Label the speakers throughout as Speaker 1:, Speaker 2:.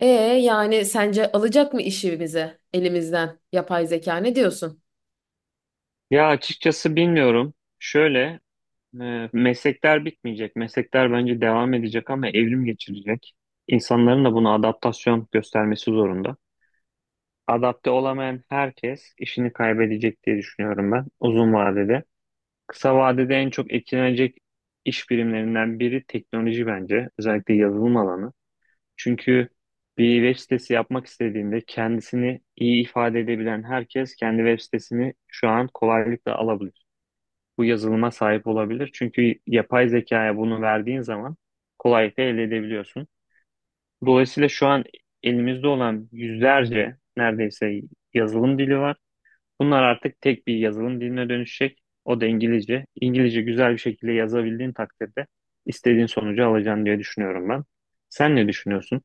Speaker 1: E Yani sence alacak mı işimizi elimizden yapay zeka, ne diyorsun?
Speaker 2: Ya açıkçası bilmiyorum. Şöyle, meslekler bitmeyecek. Meslekler bence devam edecek ama evrim geçirecek. İnsanların da buna adaptasyon göstermesi zorunda. Adapte olamayan herkes işini kaybedecek diye düşünüyorum ben uzun vadede. Kısa vadede en çok etkilenecek iş birimlerinden biri teknoloji bence. Özellikle yazılım alanı. Çünkü bir web sitesi yapmak istediğinde kendisini iyi ifade edebilen herkes kendi web sitesini şu an kolaylıkla alabilir, bu yazılıma sahip olabilir. Çünkü yapay zekaya bunu verdiğin zaman kolaylıkla elde edebiliyorsun. Dolayısıyla şu an elimizde olan yüzlerce neredeyse yazılım dili var. Bunlar artık tek bir yazılım diline dönüşecek. O da İngilizce. İngilizce güzel bir şekilde yazabildiğin takdirde istediğin sonucu alacaksın diye düşünüyorum ben. Sen ne düşünüyorsun?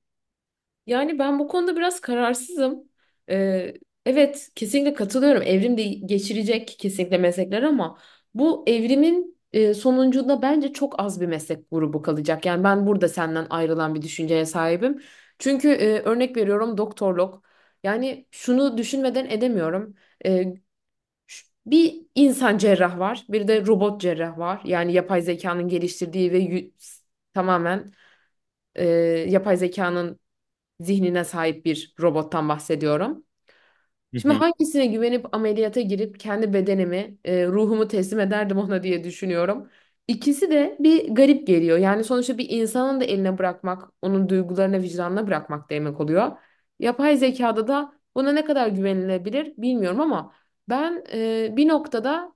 Speaker 1: Yani ben bu konuda biraz kararsızım. Ee, evet, kesinlikle katılıyorum. Evrim de geçirecek kesinlikle meslekler ama bu evrimin sonucunda bence çok az bir meslek grubu kalacak. Yani ben burada senden ayrılan bir düşünceye sahibim. Çünkü örnek veriyorum, doktorluk. Yani şunu düşünmeden edemiyorum. E, Bir insan cerrah var, bir de robot cerrah var. Yani yapay zekanın geliştirdiği ve tamamen e, yapay zekanın zihnine sahip bir robottan bahsediyorum.
Speaker 2: Hı
Speaker 1: Şimdi
Speaker 2: hı.
Speaker 1: hangisine güvenip ameliyata girip kendi bedenimi, ruhumu teslim ederdim ona diye düşünüyorum. İkisi de bir garip geliyor. Yani sonuçta bir insanın da eline bırakmak, onun duygularına, vicdanına bırakmak demek oluyor. Yapay zekada da buna ne kadar güvenilebilir bilmiyorum ama ben bir noktada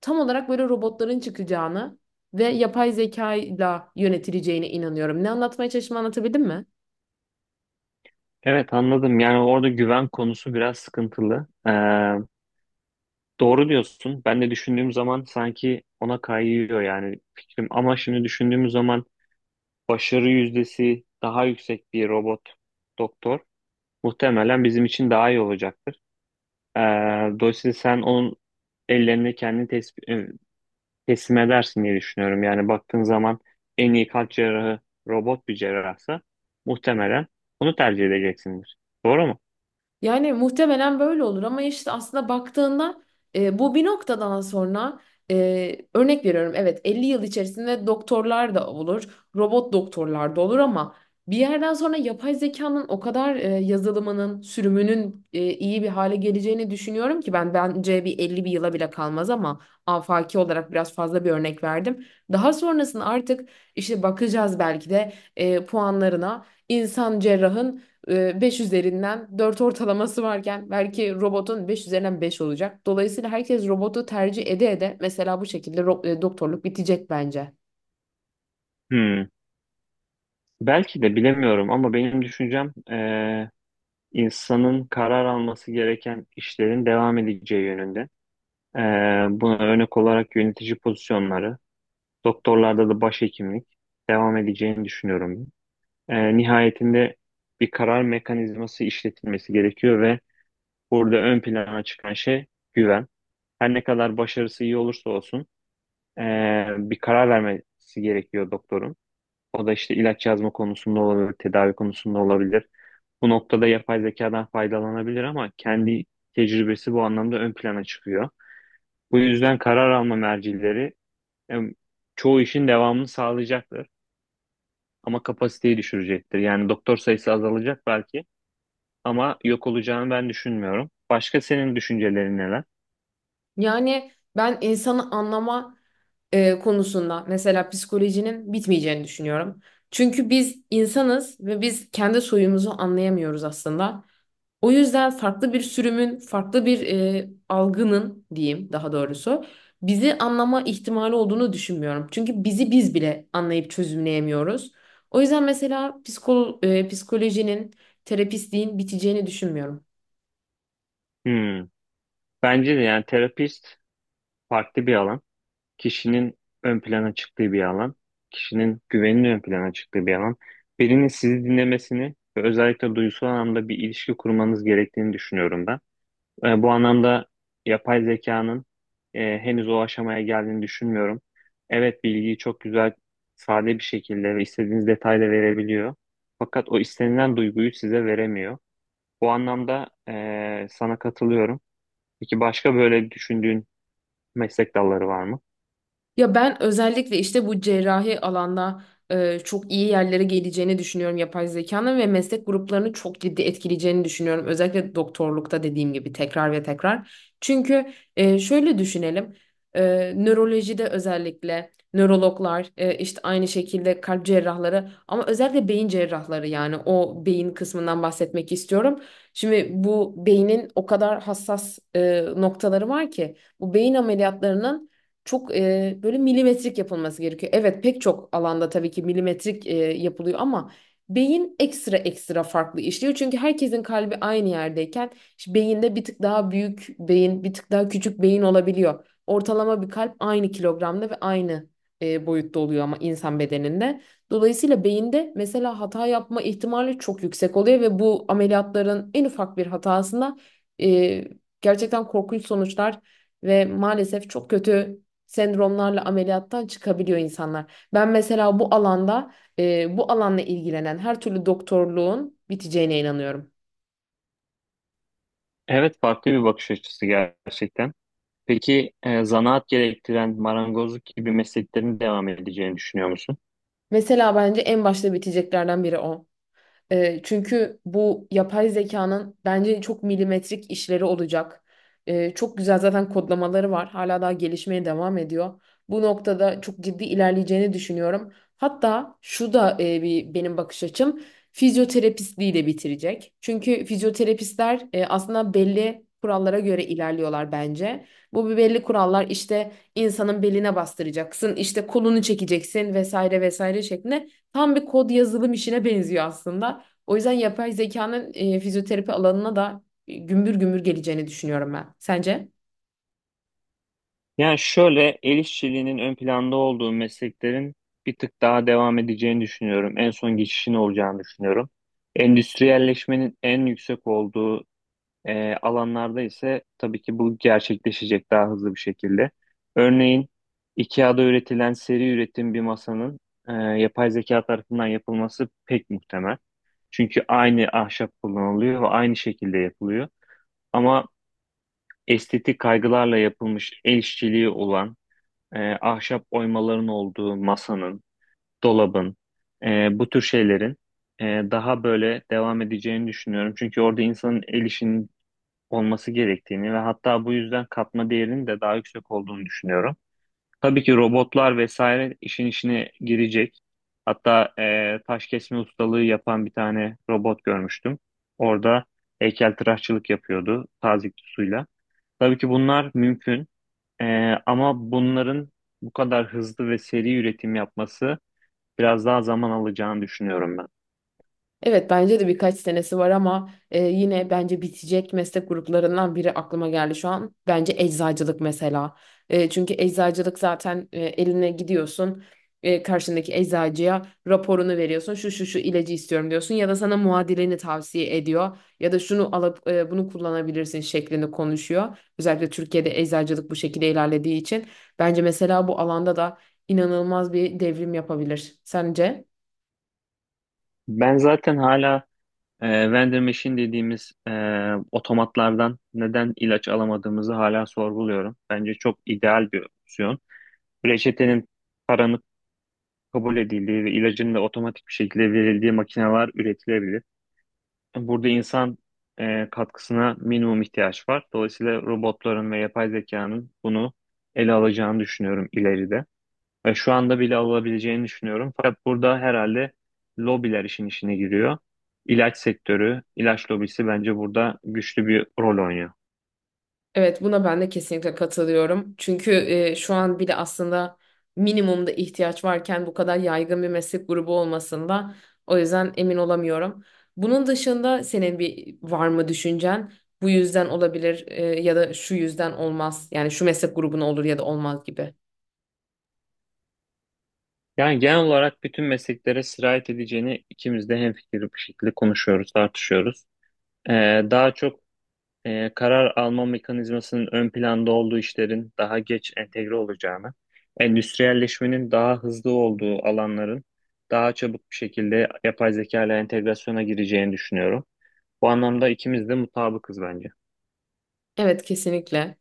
Speaker 1: tam olarak böyle robotların çıkacağını ve yapay zekayla yönetileceğine inanıyorum. Ne anlatmaya çalıştığımı anlatabildim mi?
Speaker 2: Evet, anladım. Yani orada güven konusu biraz sıkıntılı. Doğru diyorsun. Ben de düşündüğüm zaman sanki ona kayıyor yani fikrim. Ama şimdi düşündüğüm zaman başarı yüzdesi daha yüksek bir robot doktor muhtemelen bizim için daha iyi olacaktır. Ee, Dolayısıyla sen onun ellerini kendin teslim edersin diye düşünüyorum. Yani baktığın zaman en iyi kalp cerrahı robot bir cerrahsa muhtemelen onu tercih edeceksindir. Doğru mu?
Speaker 1: Yani muhtemelen böyle olur ama işte aslında baktığında bu bir noktadan sonra örnek veriyorum, evet, 50 yıl içerisinde doktorlar da olur, robot doktorlar da olur ama bir yerden sonra yapay zekanın o kadar yazılımının, sürümünün iyi bir hale geleceğini düşünüyorum ki ben bence bir 50 bir yıla bile kalmaz ama afaki olarak biraz fazla bir örnek verdim. Daha sonrasında artık işte bakacağız belki de puanlarına insan cerrahın 5 üzerinden 4 ortalaması varken belki robotun 5 üzerinden 5 olacak. Dolayısıyla herkes robotu tercih ede ede mesela bu şekilde doktorluk bitecek bence.
Speaker 2: Hmm. Belki de bilemiyorum, ama benim düşüncem insanın karar alması gereken işlerin devam edeceği yönünde. Ee, Buna örnek olarak yönetici pozisyonları, doktorlarda da başhekimlik devam edeceğini düşünüyorum. Nihayetinde bir karar mekanizması işletilmesi gerekiyor ve burada ön plana çıkan şey güven. Her ne kadar başarısı iyi olursa olsun bir karar vermesi gerekiyor doktorun. O da işte ilaç yazma konusunda olabilir, tedavi konusunda olabilir. Bu noktada yapay zekadan faydalanabilir ama kendi tecrübesi bu anlamda ön plana çıkıyor. Bu yüzden karar alma mercileri em, çoğu işin devamını sağlayacaktır ama kapasiteyi düşürecektir. Yani doktor sayısı azalacak belki ama yok olacağını ben düşünmüyorum. Başka senin düşüncelerin neler?
Speaker 1: Yani ben insanı anlama konusunda mesela psikolojinin bitmeyeceğini düşünüyorum. Çünkü biz insanız ve biz kendi soyumuzu anlayamıyoruz aslında. O yüzden farklı bir sürümün, farklı bir algının diyeyim daha doğrusu bizi anlama ihtimali olduğunu düşünmüyorum. Çünkü bizi biz bile anlayıp çözümleyemiyoruz. O yüzden mesela psikolojinin, terapistliğin biteceğini düşünmüyorum.
Speaker 2: Hmm. Bence de yani terapist farklı bir alan, kişinin ön plana çıktığı bir alan, kişinin güveninin ön plana çıktığı bir alan. Birinin sizi dinlemesini ve özellikle duygusal anlamda bir ilişki kurmanız gerektiğini düşünüyorum ben. Bu anlamda yapay zekanın henüz o aşamaya geldiğini düşünmüyorum. Evet, bilgiyi çok güzel, sade bir şekilde ve istediğiniz detayla verebiliyor. Fakat o istenilen duyguyu size veremiyor. Bu anlamda sana katılıyorum. Peki başka böyle düşündüğün meslek dalları var mı?
Speaker 1: Ya ben özellikle işte bu cerrahi alanda çok iyi yerlere geleceğini düşünüyorum yapay zekanın ve meslek gruplarını çok ciddi etkileyeceğini düşünüyorum. Özellikle doktorlukta dediğim gibi tekrar ve tekrar. Çünkü şöyle düşünelim. Nörolojide özellikle nörologlar, işte aynı şekilde kalp cerrahları ama özellikle beyin cerrahları, yani o beyin kısmından bahsetmek istiyorum. Şimdi bu beynin o kadar hassas noktaları var ki bu beyin ameliyatlarının çok böyle milimetrik yapılması gerekiyor. Evet, pek çok alanda tabii ki milimetrik yapılıyor ama beyin ekstra ekstra farklı işliyor. Çünkü herkesin kalbi aynı yerdeyken işte beyinde bir tık daha büyük beyin, bir tık daha küçük beyin olabiliyor. Ortalama bir kalp aynı kilogramda ve aynı boyutta oluyor ama insan bedeninde. Dolayısıyla beyinde mesela hata yapma ihtimali çok yüksek oluyor ve bu ameliyatların en ufak bir hatasında e, gerçekten korkunç sonuçlar ve maalesef çok kötü sendromlarla ameliyattan çıkabiliyor insanlar. Ben mesela bu alanda bu alanla ilgilenen her türlü doktorluğun biteceğine inanıyorum.
Speaker 2: Evet, farklı bir bakış açısı gerçekten. Peki zanaat gerektiren marangozluk gibi mesleklerin devam edeceğini düşünüyor musun?
Speaker 1: Mesela bence en başta biteceklerden biri o. Çünkü bu yapay zekanın bence çok milimetrik işleri olacak. Çok güzel zaten kodlamaları var. Hala daha gelişmeye devam ediyor. Bu noktada çok ciddi ilerleyeceğini düşünüyorum. Hatta şu da bir benim bakış açım, fizyoterapistliği de bitirecek. Çünkü fizyoterapistler aslında belli kurallara göre ilerliyorlar bence. Bu bir belli kurallar, işte insanın beline bastıracaksın, işte kolunu çekeceksin vesaire vesaire şeklinde, tam bir kod yazılım işine benziyor aslında. O yüzden yapay zekanın fizyoterapi alanına da gümbür gümbür geleceğini düşünüyorum ben. Sence?
Speaker 2: Yani şöyle, el işçiliğinin ön planda olduğu mesleklerin bir tık daha devam edeceğini düşünüyorum. En son geçişin olacağını düşünüyorum. Endüstriyelleşmenin en yüksek olduğu alanlarda ise tabii ki bu gerçekleşecek daha hızlı bir şekilde. Örneğin IKEA'da üretilen seri üretim bir masanın yapay zeka tarafından yapılması pek muhtemel. Çünkü aynı ahşap kullanılıyor ve aynı şekilde yapılıyor. Ama estetik kaygılarla yapılmış el işçiliği olan ahşap oymaların olduğu masanın, dolabın, bu tür şeylerin e, daha böyle devam edeceğini düşünüyorum. Çünkü orada insanın el işinin olması gerektiğini ve hatta bu yüzden katma değerinin de daha yüksek olduğunu düşünüyorum. Tabii ki robotlar vesaire işin içine girecek. Hatta taş kesme ustalığı yapan bir tane robot görmüştüm. Orada heykeltıraşçılık yapıyordu tazyikli suyla. Tabii ki bunlar mümkün. E, Ama bunların bu kadar hızlı ve seri üretim yapması biraz daha zaman alacağını düşünüyorum ben.
Speaker 1: Evet, bence de birkaç senesi var ama yine bence bitecek meslek gruplarından biri aklıma geldi şu an. Bence eczacılık mesela. Çünkü eczacılık zaten eline gidiyorsun, karşındaki eczacıya raporunu veriyorsun. Şu şu şu ilacı istiyorum diyorsun ya da sana muadilini tavsiye ediyor ya da şunu alıp bunu kullanabilirsin şeklinde konuşuyor. Özellikle Türkiye'de eczacılık bu şekilde ilerlediği için bence mesela bu alanda da inanılmaz bir devrim yapabilir. Sence?
Speaker 2: Ben zaten hala vending machine dediğimiz otomatlardan neden ilaç alamadığımızı hala sorguluyorum. Bence çok ideal bir opsiyon. Reçetenin, paranın kabul edildiği ve ilacın da otomatik bir şekilde verildiği makineler üretilebilir. Burada insan katkısına minimum ihtiyaç var. Dolayısıyla robotların ve yapay zekanın bunu ele alacağını düşünüyorum ileride. Ve şu anda bile alabileceğini düşünüyorum. Fakat burada herhalde lobiler işin işine giriyor. İlaç sektörü, ilaç lobisi bence burada güçlü bir rol oynuyor.
Speaker 1: Evet, buna ben de kesinlikle katılıyorum. Çünkü şu an bile aslında minimumda ihtiyaç varken bu kadar yaygın bir meslek grubu olmasında, o yüzden emin olamıyorum. Bunun dışında senin bir var mı düşüncen? Bu yüzden olabilir ya da şu yüzden olmaz. Yani şu meslek grubuna olur ya da olmaz gibi.
Speaker 2: Yani genel olarak bütün mesleklere sirayet edeceğini ikimiz de hemfikir bir şekilde konuşuyoruz, tartışıyoruz. Daha çok karar alma mekanizmasının ön planda olduğu işlerin daha geç entegre olacağını, endüstriyelleşmenin daha hızlı olduğu alanların daha çabuk bir şekilde yapay zeka ile entegrasyona gireceğini düşünüyorum. Bu anlamda ikimiz de mutabıkız bence.
Speaker 1: Evet, kesinlikle.